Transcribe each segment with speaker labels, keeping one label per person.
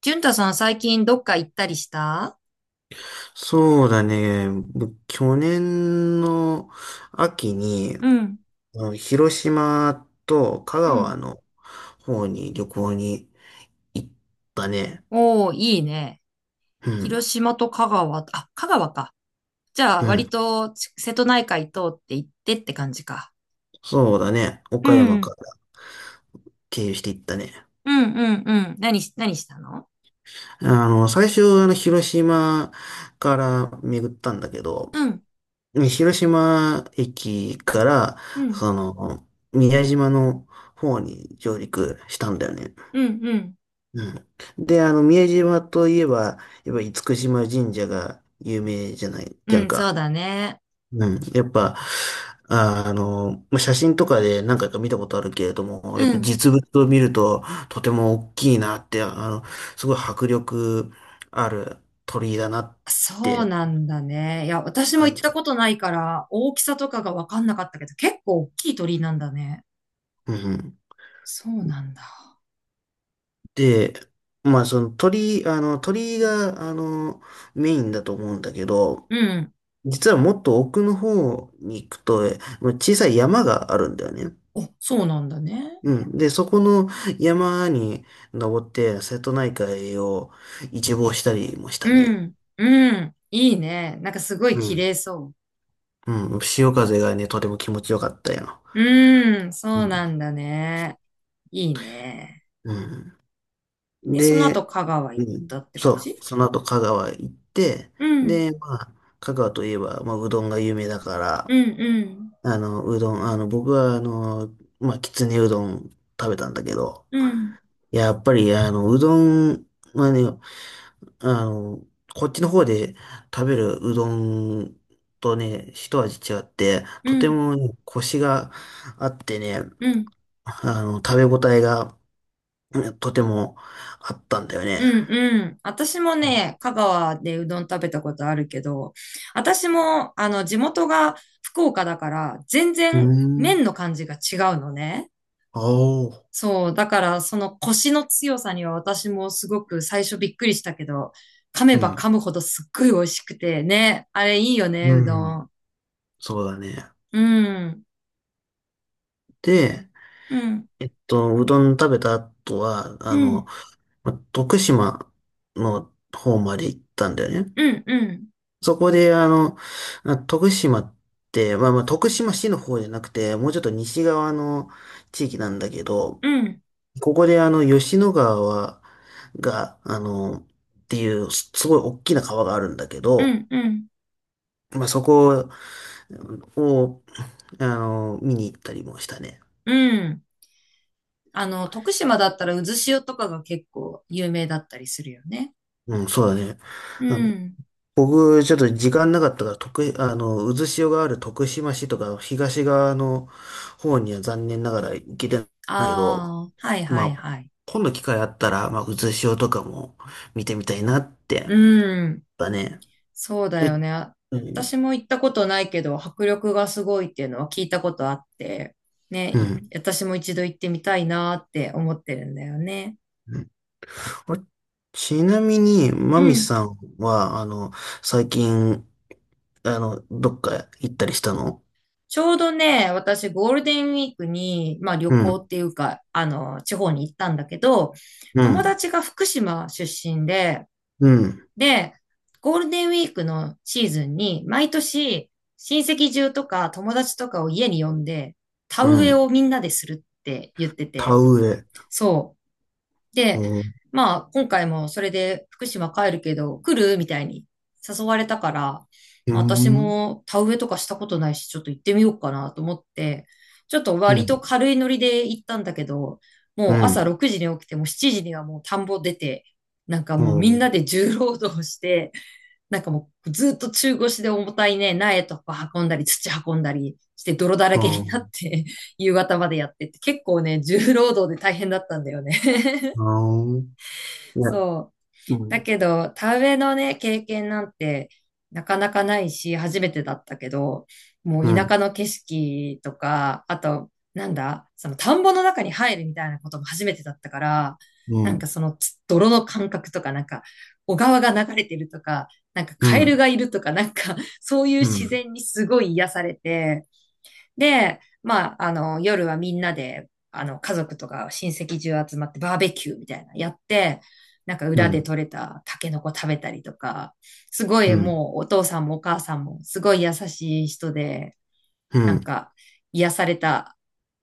Speaker 1: 淳太さん、最近どっか行ったりした？
Speaker 2: そうだね。僕、去年の秋に、
Speaker 1: うん、
Speaker 2: 広島と香
Speaker 1: う
Speaker 2: 川
Speaker 1: ん。
Speaker 2: の方に旅行に行ったね。
Speaker 1: おー、いいね。
Speaker 2: うん。
Speaker 1: 広島と香川、あ、香川か。じゃあ
Speaker 2: う
Speaker 1: 割
Speaker 2: ん。
Speaker 1: と瀬戸内海通って行ってって感じか。
Speaker 2: そうだね。
Speaker 1: う
Speaker 2: 岡
Speaker 1: ん、
Speaker 2: 山
Speaker 1: う
Speaker 2: か
Speaker 1: ん、
Speaker 2: ら経由して行ったね。
Speaker 1: うん、うん、何したの？
Speaker 2: 最初、広島から巡ったんだけど、
Speaker 1: うん、
Speaker 2: 広島駅から、
Speaker 1: うん、
Speaker 2: その、宮島の方に上陸したんだよね。
Speaker 1: うん、うん、
Speaker 2: うん。で、宮島といえば、やっぱ厳島神社が有名じゃない、じゃ
Speaker 1: う
Speaker 2: ん
Speaker 1: ん、そう
Speaker 2: か。
Speaker 1: だね。
Speaker 2: うん。やっぱ、まあ写真とかで何回か見たことあるけれども、やっ
Speaker 1: う
Speaker 2: ぱ
Speaker 1: ん。
Speaker 2: 実物を見るととても大きいなって、すごい迫力ある鳥居だなって
Speaker 1: そうなんだね。いや、私も行
Speaker 2: 感
Speaker 1: っ
Speaker 2: じ
Speaker 1: た
Speaker 2: る。
Speaker 1: ことないから大きさとかが分かんなかったけど、結構大きい鳥居なんだね。
Speaker 2: うん
Speaker 1: そうなんだ。
Speaker 2: で、まあ鳥居が、メインだと思うんだけど、
Speaker 1: うん。
Speaker 2: 実はもっと奥の方に行くと、まあ小さい山があるんだよね。
Speaker 1: お、そうなんだね。
Speaker 2: うん。で、そこの山に登って、瀬戸内海を一望したりもした
Speaker 1: う
Speaker 2: ね。
Speaker 1: ん、うん、いいね。なんかすごい
Speaker 2: う
Speaker 1: 綺
Speaker 2: ん。
Speaker 1: 麗そ
Speaker 2: うん。潮風がね、とても気持ちよかったよ。
Speaker 1: う。うん、
Speaker 2: う
Speaker 1: そう
Speaker 2: ん。
Speaker 1: なんだね。いいね。
Speaker 2: うん。
Speaker 1: で、その後
Speaker 2: で、
Speaker 1: 香川
Speaker 2: う
Speaker 1: 行っ
Speaker 2: ん。
Speaker 1: たって感
Speaker 2: そう。
Speaker 1: じ？
Speaker 2: その後、香川行って、
Speaker 1: うん、
Speaker 2: で、まあ、香川といえば、まあ、うどんが有名だか
Speaker 1: う
Speaker 2: ら、
Speaker 1: ん、うん、
Speaker 2: あの、うどん、あの、僕は、あの、まあ、きつねうどん食べたんだけど、
Speaker 1: うん、
Speaker 2: やっぱり、うどんはね、あの、こっちの方で食べるうどんとね、一味違って、
Speaker 1: う
Speaker 2: とて
Speaker 1: ん、
Speaker 2: もね、コシがあってね、
Speaker 1: うん、
Speaker 2: 食べ応えがうんとてもあったんだよね。
Speaker 1: うん、うん。私もね、香川でうどん食べたことあるけど、私も、地元が福岡だから、全
Speaker 2: う
Speaker 1: 然
Speaker 2: ん。
Speaker 1: 麺の感じが違うのね。
Speaker 2: あお
Speaker 1: そう、だからその腰の強さには私もすごく最初びっくりしたけど、噛め
Speaker 2: う
Speaker 1: ば噛
Speaker 2: ん。
Speaker 1: むほどすっごい美味しくてね、あれいいよね、
Speaker 2: う
Speaker 1: うど
Speaker 2: ん。
Speaker 1: ん。
Speaker 2: そうだね。
Speaker 1: うん、
Speaker 2: で、
Speaker 1: うん、
Speaker 2: うどん食べた後は、
Speaker 1: うん、
Speaker 2: ま徳島の方まで行ったんだよね。
Speaker 1: うん、うん、
Speaker 2: そこで、徳島って、まあ、徳島市の方じゃなくて、もうちょっと西側の地域なんだけど、
Speaker 1: うん、
Speaker 2: ここで吉野川はが、あの、っていう、すすごい大きな川があるんだけ
Speaker 1: う
Speaker 2: ど、
Speaker 1: ん、うん、
Speaker 2: まあそこを、見に行ったりもしたね。
Speaker 1: うん。徳島だったらうずしおとかが結構有名だったりするよね。
Speaker 2: うん、そうだね。
Speaker 1: う
Speaker 2: あの、
Speaker 1: ん。
Speaker 2: 僕、ちょっと時間なかったから、徳、あの、渦潮がある徳島市とか、東側の方には残念ながら行けてないけど、
Speaker 1: ああ、はいは
Speaker 2: ま
Speaker 1: い
Speaker 2: あ、
Speaker 1: はい。
Speaker 2: 今度機会あったら、まあ、うつしおとかも見てみたいなって。やっ
Speaker 1: うん。
Speaker 2: ぱね。
Speaker 1: そうだ
Speaker 2: え、
Speaker 1: よね。
Speaker 2: う
Speaker 1: 私
Speaker 2: ん。
Speaker 1: も行ったことないけど、迫力がすごいっていうのは聞いたことあって、ね、
Speaker 2: うん。
Speaker 1: 私も一度行ってみたいなって思ってるんだよね。
Speaker 2: うんあちなみに、
Speaker 1: う
Speaker 2: マミ
Speaker 1: ん。
Speaker 2: さんは、最近、どっか行ったりしたの？
Speaker 1: ちょうどね、私ゴールデンウィークに、まあ旅
Speaker 2: う
Speaker 1: 行っ
Speaker 2: ん、
Speaker 1: ていうか、地方に行ったんだけど、
Speaker 2: う
Speaker 1: 友
Speaker 2: ん、
Speaker 1: 達が福島出身で、
Speaker 2: うん、
Speaker 1: で、ゴールデンウィークのシーズンに、毎年親戚中とか友達とかを家に呼んで、田
Speaker 2: う
Speaker 1: 植え
Speaker 2: ん。
Speaker 1: をみんなでするって言って
Speaker 2: 田
Speaker 1: て、
Speaker 2: 植え。
Speaker 1: そう。で、
Speaker 2: うん、
Speaker 1: まあ、今回もそれで福島帰るけど、来るみたいに誘われたから、
Speaker 2: う
Speaker 1: まあ、私
Speaker 2: ん、
Speaker 1: も田植えとかしたことないし、ちょっと行ってみようかなと思って、ちょっと
Speaker 2: う
Speaker 1: 割と
Speaker 2: ん、
Speaker 1: 軽いノリで行ったんだけど、
Speaker 2: う
Speaker 1: もう朝
Speaker 2: ん、
Speaker 1: 6時に起きて、もう7時にはもう田んぼ出て、なんか
Speaker 2: う
Speaker 1: もうみん
Speaker 2: ん、
Speaker 1: なで重労働して、なんかもうずっと中腰で重たいね、苗とか運んだり、土運んだりして泥だら
Speaker 2: う
Speaker 1: けになっ
Speaker 2: ん、
Speaker 1: て 夕方までやってって、結構ね、重労働で大変だったんだよね。
Speaker 2: うん。いや、
Speaker 1: そう。
Speaker 2: う
Speaker 1: だ
Speaker 2: ん、
Speaker 1: けど、田植えのね、経験なんてなかなかないし、初めてだったけど、も
Speaker 2: う
Speaker 1: う田舎
Speaker 2: ん、
Speaker 1: の景色とか、あと、なんだ、その田んぼの中に入るみたいなことも初めてだったから、
Speaker 2: う
Speaker 1: なんか
Speaker 2: ん、
Speaker 1: その泥の感覚とか、なんか小川が流れてるとか、なんか
Speaker 2: うん、う
Speaker 1: カエル
Speaker 2: ん、
Speaker 1: がいるとか、なんかそういう自然にすごい癒されて、で、まあ、夜はみんなで、家族とか親戚中集まってバーベキューみたいなやって、なんか
Speaker 2: うん、
Speaker 1: 裏
Speaker 2: う
Speaker 1: で
Speaker 2: ん、
Speaker 1: 採れたタケノコ食べたりとか、すご
Speaker 2: う
Speaker 1: い
Speaker 2: ん、
Speaker 1: もうお父さんもお母さんもすごい優しい人で、なんか癒された、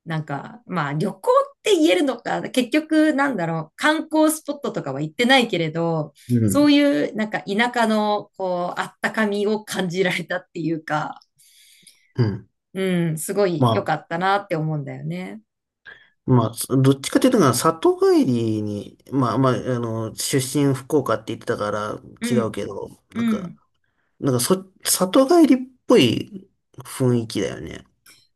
Speaker 1: なんか、まあ旅行って言えるのか、結局なんだろう、観光スポットとかは行ってないけれど、
Speaker 2: う
Speaker 1: そう
Speaker 2: ん。
Speaker 1: いうなんか田舎のこう、あったかみを感じられたっていうか、
Speaker 2: うん。
Speaker 1: うん、すごい
Speaker 2: ま
Speaker 1: 良かったなって思うんだよね。
Speaker 2: あ、まあ、どっちかというと、里帰りに、まあまあ、出身福岡って言ってたから違
Speaker 1: う
Speaker 2: う
Speaker 1: ん、
Speaker 2: けど、なん
Speaker 1: う
Speaker 2: か、
Speaker 1: ん。
Speaker 2: なんかそ、里帰りっぽい雰囲気だよね。なん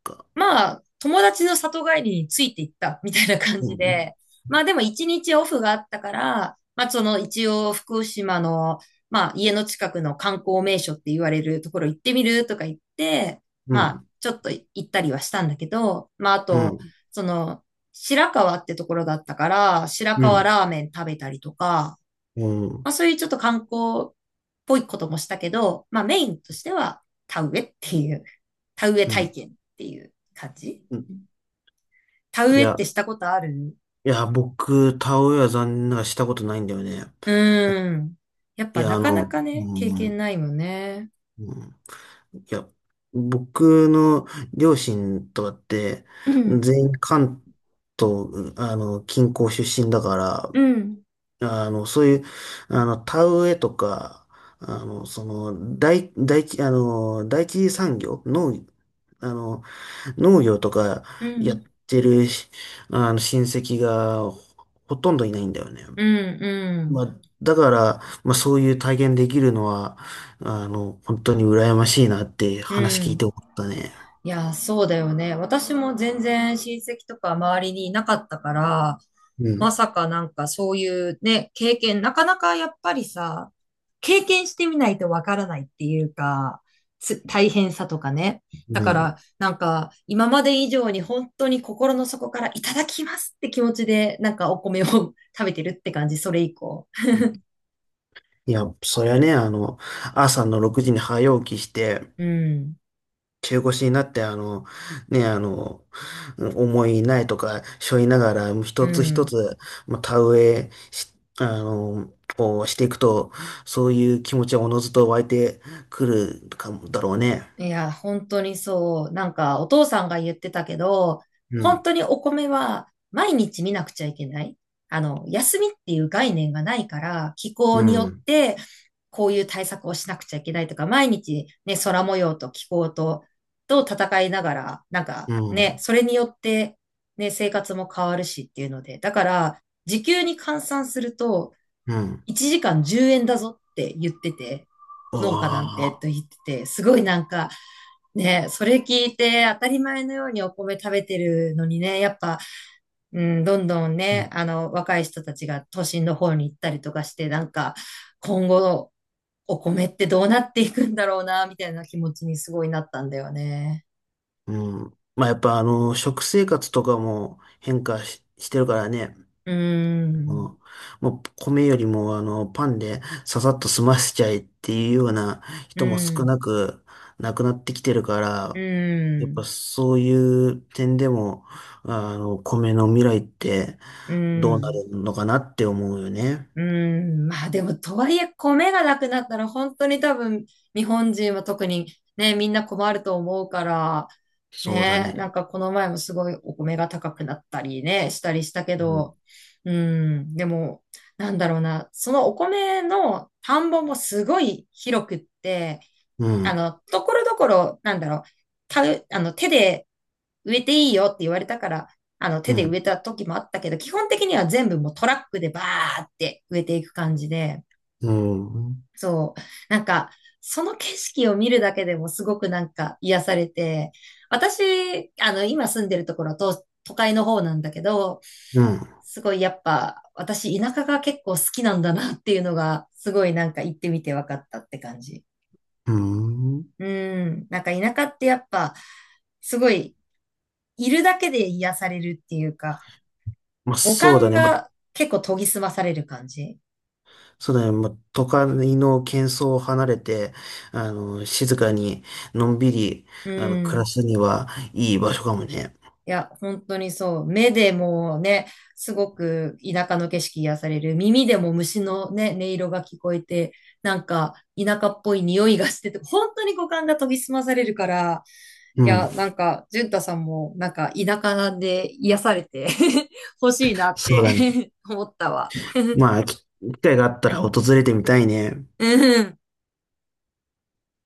Speaker 2: か。
Speaker 1: まあ、友達の里帰りについていったみたいな感
Speaker 2: う
Speaker 1: じで、
Speaker 2: ん、
Speaker 1: まあでも一日オフがあったから、まあその一応福島の、まあ家の近くの観光名所って言われるところ行ってみるとか言って、
Speaker 2: う
Speaker 1: まあ
Speaker 2: ん、
Speaker 1: ちょっと行ったりはしたんだけど、まああ
Speaker 2: う
Speaker 1: と、
Speaker 2: ん、
Speaker 1: その白川ってところだったから、白
Speaker 2: う
Speaker 1: 川
Speaker 2: ん、
Speaker 1: ラーメン食べたりとか、
Speaker 2: う
Speaker 1: ま
Speaker 2: ん、
Speaker 1: あそういうちょっと観光っぽいこともしたけど、まあメインとしては田植えっていう、田植え
Speaker 2: う
Speaker 1: 体
Speaker 2: ん。
Speaker 1: 験っていう感じ。
Speaker 2: うん。
Speaker 1: 田
Speaker 2: い
Speaker 1: 植えっ
Speaker 2: や、
Speaker 1: てしたことある？
Speaker 2: いや、僕、田植えは残念ながらしたことないんだよね。
Speaker 1: うーん。やっ
Speaker 2: い
Speaker 1: ぱ
Speaker 2: や、
Speaker 1: なかなかね、経
Speaker 2: う
Speaker 1: 験
Speaker 2: ん、
Speaker 1: ないもんね。
Speaker 2: うん。いや、僕の両親とかって、
Speaker 1: うん、
Speaker 2: 全員関東、近郊出身だか
Speaker 1: う
Speaker 2: ら、
Speaker 1: ん、
Speaker 2: あの、そういう、あの、田植えとか、その、大地、あの、第一次産業、農、あの、農業とか
Speaker 1: う
Speaker 2: やっ
Speaker 1: ん、
Speaker 2: てるし、親戚がほとんどいないんだよね。
Speaker 1: うん、う
Speaker 2: ま
Speaker 1: ん、
Speaker 2: あ、だから、まあ、そういう体験できるのは、本当に羨ましいなって
Speaker 1: う
Speaker 2: 話聞い
Speaker 1: ん。
Speaker 2: て思ったね。
Speaker 1: いや、そうだよね。私も全然親戚とか周りにいなかったから、
Speaker 2: う
Speaker 1: ま
Speaker 2: ん。
Speaker 1: さかなんかそういうね、経験、なかなかやっぱりさ、経験してみないとわからないっていうか、大変さとかね。だ
Speaker 2: う
Speaker 1: か
Speaker 2: ん。
Speaker 1: らなんか今まで以上に本当に心の底からいただきますって気持ちでなんかお米を 食べてるって感じ、それ以降。
Speaker 2: いや、そりゃね、朝の6時に早起きして、
Speaker 1: うん、
Speaker 2: 中腰になって、ね、あの、重い苗とか背負いながら、
Speaker 1: う
Speaker 2: 一つ一
Speaker 1: ん。
Speaker 2: つ、まあ、田植えし、あの、をしていくと、そういう気持ちはおのずと湧いてくるかもだろうね。
Speaker 1: いや、本当にそう。なんか、お父さんが言ってたけど、
Speaker 2: う
Speaker 1: 本
Speaker 2: ん、
Speaker 1: 当にお米は毎日見なくちゃいけない。休みっていう概念がないから、気候
Speaker 2: う
Speaker 1: によっ
Speaker 2: ん、
Speaker 1: てこういう対策をしなくちゃいけないとか、毎日ね、空模様と気候と戦いながら、なんか
Speaker 2: う
Speaker 1: ね、
Speaker 2: ん、
Speaker 1: それによってね、生活も変わるしっていうので、だから、時給に換算すると、
Speaker 2: うん。
Speaker 1: 1時間10円だぞって言ってて、
Speaker 2: あ
Speaker 1: 農家なんてと
Speaker 2: あ、
Speaker 1: 言ってて、すごいなんか、ね、それ聞いて当たり前のようにお米食べてるのにね、やっぱ、うん、どんどん
Speaker 2: う
Speaker 1: ね、
Speaker 2: ん。
Speaker 1: 若い人たちが都心の方に行ったりとかして、なんか、今後、お米ってどうなっていくんだろうな、みたいな気持ちにすごいなったんだよね。
Speaker 2: うん。まあ、やっぱ、食生活とかも変化し、してるからね。
Speaker 1: うん、
Speaker 2: ももう米よりもあのパンでささっと済ませちゃえっていうような
Speaker 1: う
Speaker 2: 人も少
Speaker 1: ん、
Speaker 2: なくなくなってきてるか
Speaker 1: う
Speaker 2: ら、やっぱ
Speaker 1: ん、
Speaker 2: そういう点でも、米の未来って
Speaker 1: う
Speaker 2: どうな
Speaker 1: ん。
Speaker 2: るのかなって思うよね。
Speaker 1: うーん、まあでも、とはいえ、米がなくなったら、本当に多分、日本人は特にね、みんな困ると思うから、
Speaker 2: そうだ
Speaker 1: ね、
Speaker 2: ね。
Speaker 1: なんかこの前もすごいお米が高くなったりね、したりしたけ
Speaker 2: うん。
Speaker 1: ど、うん、でも、なんだろうな、そのお米の田んぼもすごい広くって、
Speaker 2: うん。
Speaker 1: ところどころ、なんだろう、た、手で植えていいよって言われたから、手
Speaker 2: う
Speaker 1: で植え
Speaker 2: ん。
Speaker 1: た時もあったけど、基本的には全部もうトラックでバーって植えていく感じで、
Speaker 2: うん。
Speaker 1: そう。なんか、その景色を見るだけでもすごくなんか癒されて、私、今住んでるところは都会の方なんだけど、
Speaker 2: うん。
Speaker 1: すごいやっぱ、私田舎が結構好きなんだなっていうのが、すごいなんか行ってみて分かったって感じ。
Speaker 2: うん。
Speaker 1: うん。なんか田舎ってやっぱ、すごい、いるだけで癒されるっていうか、
Speaker 2: まあ
Speaker 1: 五
Speaker 2: そう
Speaker 1: 感
Speaker 2: だね。まあ
Speaker 1: が結構研ぎ澄まされる感じ。
Speaker 2: そうだね。まあ都会の喧騒を離れて、静かに、のんびり、
Speaker 1: う
Speaker 2: 暮ら
Speaker 1: ん。
Speaker 2: すにはいい場所かもね。
Speaker 1: いや、本当にそう。目でもね、すごく田舎の景色癒される。耳でも虫のね、音色が聞こえて、なんか田舎っぽい匂いがしてて、本当に五感が研ぎ澄まされるから、
Speaker 2: う
Speaker 1: い
Speaker 2: ん。
Speaker 1: や、なんか、淳太さんも、なんか、田舎で癒されて 欲しいなっ
Speaker 2: そう
Speaker 1: て
Speaker 2: だね。
Speaker 1: 思ったわ。
Speaker 2: まあ、機会があったら訪れてみたいね。
Speaker 1: うん。